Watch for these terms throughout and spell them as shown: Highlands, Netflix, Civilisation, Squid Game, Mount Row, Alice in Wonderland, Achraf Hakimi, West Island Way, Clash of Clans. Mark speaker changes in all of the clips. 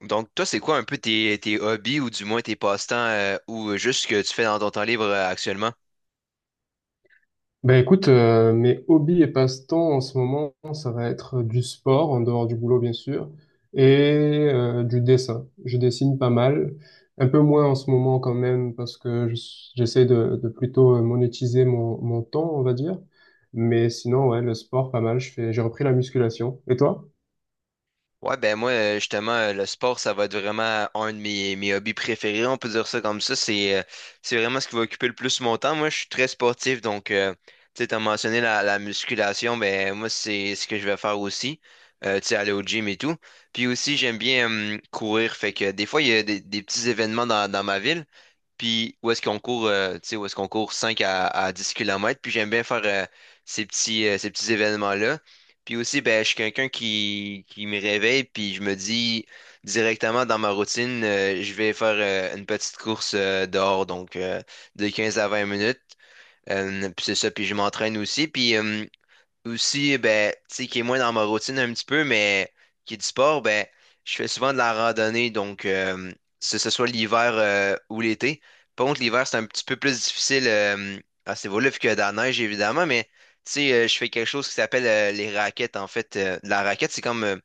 Speaker 1: Donc, toi, c'est quoi un peu tes hobbies ou du moins tes passe-temps ou juste ce que tu fais dans ton temps libre actuellement?
Speaker 2: Ben écoute, mes hobbies et passe-temps en ce moment, ça va être du sport, en dehors du boulot bien sûr, et du dessin. Je dessine pas mal, un peu moins en ce moment quand même, parce que j'essaie de plutôt monétiser mon temps, on va dire. Mais sinon, ouais, le sport, pas mal. Je fais, j'ai repris la musculation. Et toi?
Speaker 1: Ouais, ben moi, justement, le sport, ça va être vraiment un de mes hobbies préférés, on peut dire ça comme ça. C'est vraiment ce qui va occuper le plus mon temps. Moi, je suis très sportif, donc, tu sais, t'as mentionné la musculation, ben moi, c'est ce que je vais faire aussi. Tu sais, aller au gym et tout. Puis aussi, j'aime bien courir, fait que des fois, il y a des petits événements dans ma ville. Puis où est-ce qu'on court, tu sais, où est-ce qu'on court 5 à 10 kilomètres. Puis j'aime bien faire ces petits événements-là. Puis aussi, ben, je suis quelqu'un qui me réveille, puis je me dis directement dans ma routine, je vais faire une petite course dehors, donc de 15 à 20 minutes. Puis c'est ça, puis je m'entraîne aussi. Puis Aussi, ben, tu sais, qui est moins dans ma routine un petit peu, mais qui est du sport, ben, je fais souvent de la randonnée, donc que ce soit l'hiver ou l'été. Par contre, l'hiver, c'est un petit peu plus difficile à ce niveau-là, vu qu'il y a de la neige, évidemment, mais tu sais, je fais quelque chose qui s'appelle les raquettes, en fait. La raquette, c'est comme,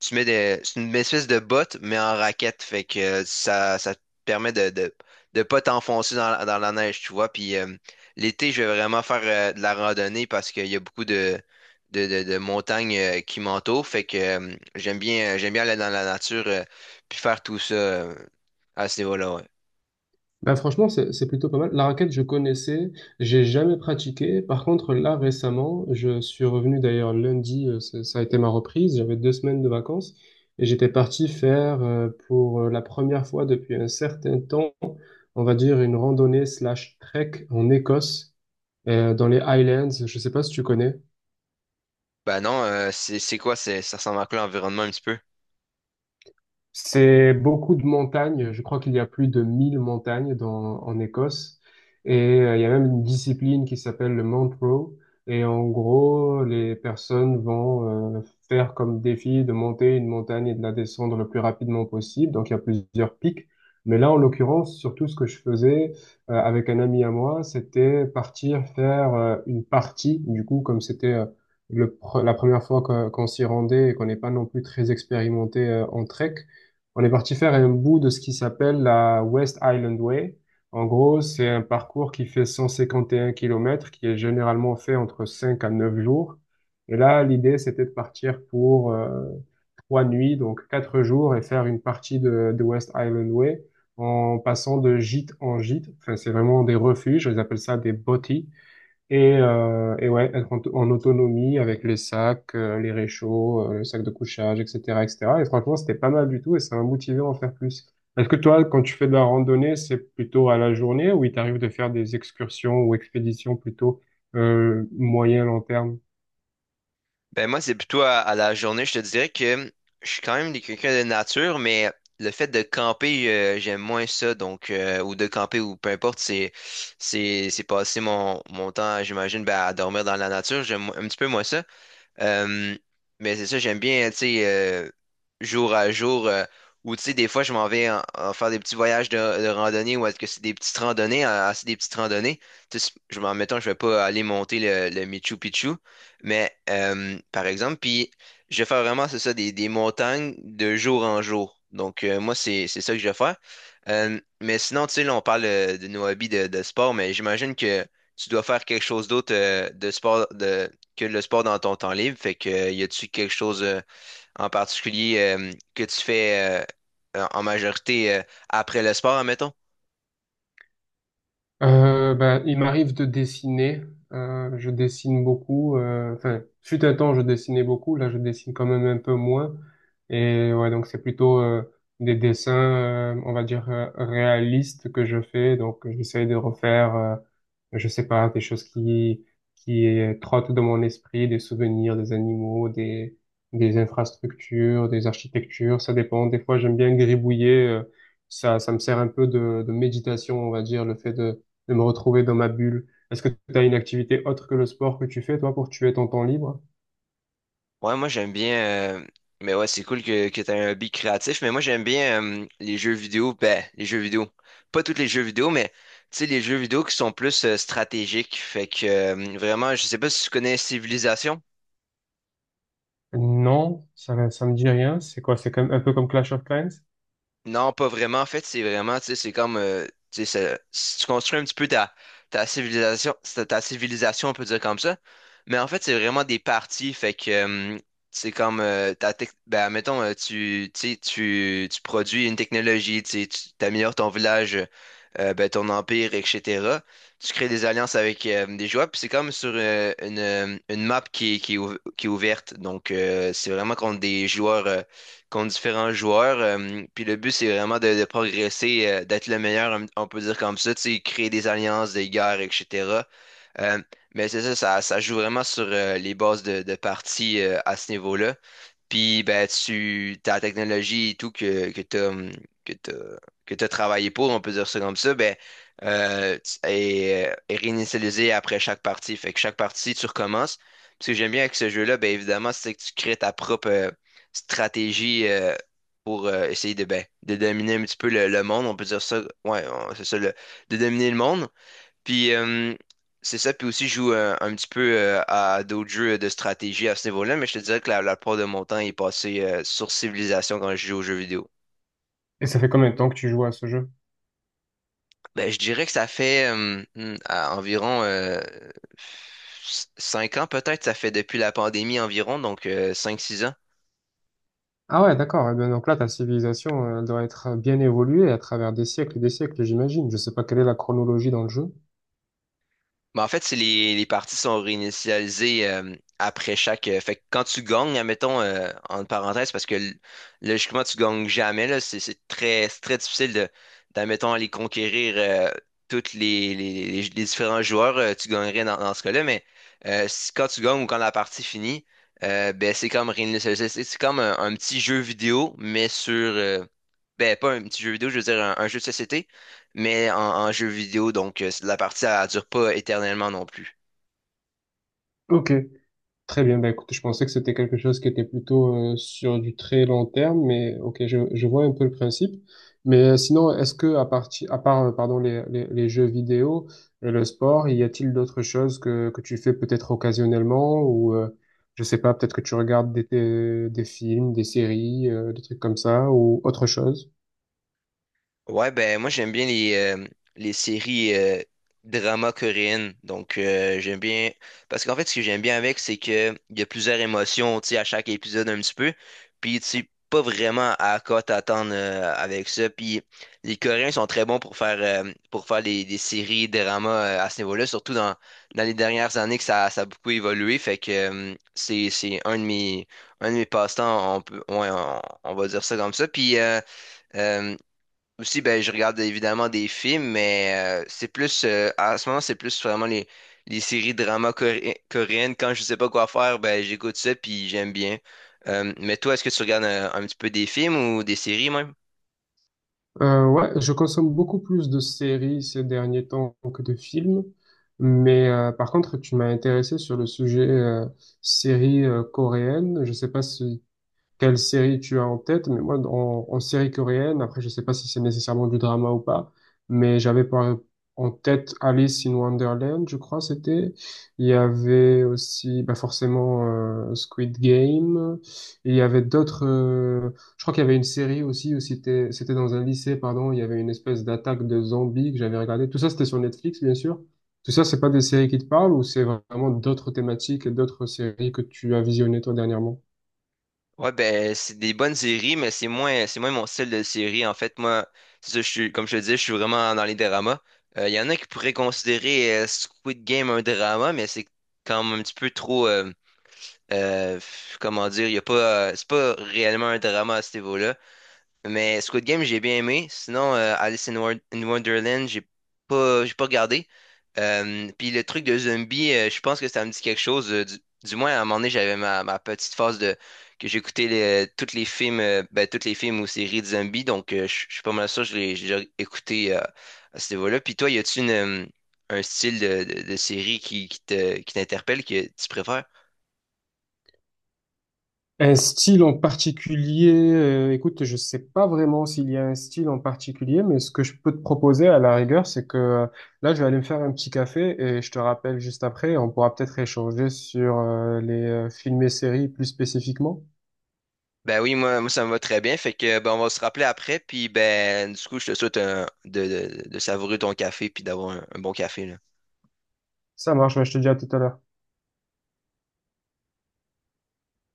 Speaker 1: tu mets des, c'est une espèce de botte, mais en raquette, fait que ça, ça te permet de pas t'enfoncer dans, dans la neige, tu vois, puis... l'été, je vais vraiment faire de la randonnée parce qu'il y a beaucoup de montagnes qui m'entourent. Fait que j'aime bien aller dans la nature puis faire tout ça à ce niveau-là. Ouais.
Speaker 2: Bah franchement, c'est plutôt pas mal. La raquette, je connaissais, j'ai jamais pratiqué. Par contre, là, récemment, je suis revenu d'ailleurs lundi, ça a été ma reprise. J'avais 2 semaines de vacances et j'étais parti faire pour la première fois depuis un certain temps, on va dire une randonnée/trek en Écosse, dans les Highlands. Je sais pas si tu connais.
Speaker 1: Ben non, c'est quoi, ça ressemble à quoi l'environnement un petit peu?
Speaker 2: C'est beaucoup de montagnes. Je crois qu'il y a plus de 1000 montagnes dans, en Écosse. Et il y a même une discipline qui s'appelle le Mount Row. Et en gros, les personnes vont faire comme défi de monter une montagne et de la descendre le plus rapidement possible. Donc il y a plusieurs pics. Mais là, en l'occurrence, surtout ce que je faisais avec un ami à moi, c'était partir faire une partie. Du coup, comme c'était la première fois qu'on s'y rendait et qu'on n'est pas non plus très expérimenté en trek, on est parti faire un bout de ce qui s'appelle la West Island Way. En gros, c'est un parcours qui fait 151 km, qui est généralement fait entre 5 à 9 jours. Et là, l'idée, c'était de partir pour 3 nuits, donc 4 jours, et faire une partie de West Island Way en passant de gîte en gîte. Enfin, c'est vraiment des refuges, ils appellent ça des botties. Et ouais, être en autonomie avec les sacs, les réchauds, le sac de couchage, etc., etc. Et cetera. Et franchement, c'était pas mal du tout et ça m'a motivé à en faire plus. Est-ce que toi, quand tu fais de la randonnée, c'est plutôt à la journée ou il t'arrive de faire des excursions ou expéditions plutôt moyen, long terme?
Speaker 1: Ben moi, c'est plutôt à la journée. Je te dirais que je suis quand même quelqu'un de nature, mais le fait de camper, j'aime moins ça. Donc, ou de camper ou peu importe, c'est passer mon temps, j'imagine, ben, à dormir dans la nature. J'aime un petit peu moins ça. Euh, mais c'est ça, j'aime bien, tu sais, jour à jour, ou tu sais, des fois, je m'en vais en faire des petits voyages de randonnée, ou est-ce que c'est des petites randonnées, c'est des petites randonnées. Tu sais, je m'en mettons, je vais pas aller monter le Machu Picchu, mais par exemple, puis je vais faire vraiment, c'est ça, des montagnes de jour en jour. Donc, moi, c'est ça que je vais faire. Mais sinon, tu sais, là, on parle de nos hobbies de sport, mais j'imagine que tu dois faire quelque chose d'autre de que le sport dans ton temps libre. Fait que, y a-tu quelque chose en particulier que tu fais en en majorité après le sport, admettons?
Speaker 2: Bah, il m'arrive de dessiner. Je dessine beaucoup. Enfin, fut un temps, je dessinais beaucoup. Là, je dessine quand même un peu moins. Et ouais, donc c'est plutôt des dessins, on va dire réalistes que je fais. Donc, j'essaie de refaire, je sais pas, des choses qui trottent dans mon esprit, des souvenirs, des animaux, des infrastructures, des architectures. Ça dépend. Des fois, j'aime bien gribouiller. Ça, ça me sert un peu de méditation, on va dire, le fait de me retrouver dans ma bulle. Est-ce que tu as une activité autre que le sport que tu fais, toi, pour tuer ton temps libre?
Speaker 1: Ouais, moi j'aime bien. Mais ouais, c'est cool que tu un hobby créatif. Mais moi j'aime bien les jeux vidéo. Ben, les jeux vidéo. Pas tous les jeux vidéo, mais tu sais, les jeux vidéo qui sont plus stratégiques. Fait que vraiment, je sais pas si tu connais Civilisation.
Speaker 2: Non, ça me dit rien. C'est quoi? C'est comme un peu comme Clash of Clans?
Speaker 1: Non, pas vraiment. En fait, c'est vraiment, tu sais, c'est comme, tu sais, si tu construis un petit peu ta civilisation, ta civilisation, on peut dire comme ça. Mais en fait, c'est vraiment des parties. Fait que, c'est comme, ben, mettons, tu produis une technologie, tu sais, tu améliores ton village, ben, ton empire, et cetera. Tu crées des alliances avec des joueurs, puis c'est comme sur une map qui est ouverte. Donc, c'est vraiment contre des joueurs. Contre différents joueurs. Puis le but, c'est vraiment de progresser, d'être le meilleur, on peut dire comme ça, tu sais, créer des alliances, des guerres, etc. Euh, mais c'est ça, ça joue vraiment sur les bases de partie à ce niveau-là. Puis ben tu ta technologie et tout que t'as que t'as que t'as travaillé pour, on peut dire ça comme ça, ben est réinitialisée après chaque partie. Fait que chaque partie, tu recommences. Puis ce que j'aime bien avec ce jeu-là, ben évidemment, c'est que tu crées ta propre stratégie pour essayer de ben, de dominer un petit peu le monde. On peut dire ça. C'est ça le, de dominer le monde. Puis C'est ça, puis aussi je joue petit peu à d'autres jeux de stratégie à ce niveau-là, mais je te dirais que la plupart de mon temps est passé sur Civilisation quand je joue aux jeux vidéo.
Speaker 2: Et ça fait combien de temps que tu joues à ce jeu?
Speaker 1: Ben, je dirais que ça fait à environ 5 ans peut-être, ça fait depuis la pandémie environ, donc 5 6 ans.
Speaker 2: Ah ouais, d'accord. Eh bien, donc là, ta civilisation, elle doit être bien évoluée à travers des siècles et des siècles, j'imagine. Je sais pas quelle est la chronologie dans le jeu.
Speaker 1: Ben en fait, c'est les parties sont réinitialisées après chaque. Fait que quand tu gagnes, admettons, en parenthèse, parce que logiquement, tu gagnes jamais, là, c'est très difficile de, d'admettons, aller conquérir toutes les différents joueurs. Tu gagnerais dans ce cas-là, mais quand tu gagnes ou quand la partie finit, ben, c'est comme réinitialiser. C'est comme un petit jeu vidéo, mais sur. Ben, pas un petit jeu vidéo, je veux dire un jeu de société mais en jeu vidéo, donc la partie, elle dure pas éternellement non plus.
Speaker 2: Ok. Très bien, bah écoute, je pensais que c'était quelque chose qui était plutôt sur du très long terme, mais ok, je vois un peu le principe. Mais sinon, est-ce que à part, pardon, les jeux vidéo et le sport, y a-t-il d'autres choses que tu fais peut-être occasionnellement ou je sais pas, peut-être que tu regardes des films, des séries, des trucs comme ça ou autre chose?
Speaker 1: Ouais, ben moi j'aime bien les séries drama coréennes. Donc j'aime bien. Parce qu'en fait, ce que j'aime bien avec, c'est que il y a plusieurs émotions tu sais, à chaque épisode un petit peu. Puis tu sais pas vraiment à quoi t'attendre avec ça. Puis les Coréens sont très bons pour faire des séries drama à ce niveau-là, surtout dans les dernières années que ça a beaucoup évolué. Fait que c'est un de mes passe-temps, on peut ouais, on va dire ça comme ça. Puis euh, Aussi, ben, je regarde évidemment des films, mais c'est plus, à ce moment, c'est plus vraiment les séries drama coréennes. Quand je sais pas quoi faire, ben, j'écoute ça, puis j'aime bien. Mais toi, est-ce que tu regardes un petit peu des films ou des séries même?
Speaker 2: Ouais, je consomme beaucoup plus de séries ces derniers temps que de films, mais par contre, tu m'as intéressé sur le sujet séries coréennes. Je sais pas si quelle série tu as en tête, mais moi, en série coréenne, après, je sais pas si c'est nécessairement du drama ou pas, mais j'avais en tête Alice in Wonderland, je crois, c'était. Il y avait aussi, bah, forcément, Squid Game. Et il y avait d'autres, je crois qu'il y avait une série aussi où c'était dans un lycée, pardon, il y avait une espèce d'attaque de zombies que j'avais regardé. Tout ça, c'était sur Netflix, bien sûr. Tout ça, c'est pas des séries qui te parlent ou c'est vraiment d'autres thématiques et d'autres séries que tu as visionnées toi dernièrement?
Speaker 1: Ouais, ben, c'est des bonnes séries, mais c'est moins mon style de série. En fait, moi, c'est ça, comme je te disais, je suis vraiment dans les dramas. Il y en a qui pourraient considérer Squid Game un drama, mais c'est quand même un petit peu trop. Comment dire, y a pas, c'est pas réellement un drama à ce niveau-là. Mais Squid Game, j'ai bien aimé. Sinon, Alice in, in Wonderland, j'ai pas regardé. Puis le truc de zombie, je pense que ça me dit quelque chose. Du moins, à un moment donné, j'avais ma petite phase de que j'écoutais les, tous les films, ben, tous les films ou séries de zombies. Donc, je suis pas mal sûr, que je l'ai j'ai déjà écouté à ce niveau-là. Puis toi, y a-tu une, un style de série qui t'interpelle, que tu préfères?
Speaker 2: Un style en particulier, écoute, je sais pas vraiment s'il y a un style en particulier, mais ce que je peux te proposer à la rigueur, c'est que là, je vais aller me faire un petit café et je te rappelle juste après, et on pourra peut-être échanger sur les films et séries plus spécifiquement.
Speaker 1: Ben oui, moi, ça me va très bien. Fait que ben, on va se rappeler après. Puis ben du coup, je te souhaite de, de savourer ton café puis d'avoir un bon café. Là.
Speaker 2: Ça marche, ouais, je te dis à tout à l'heure.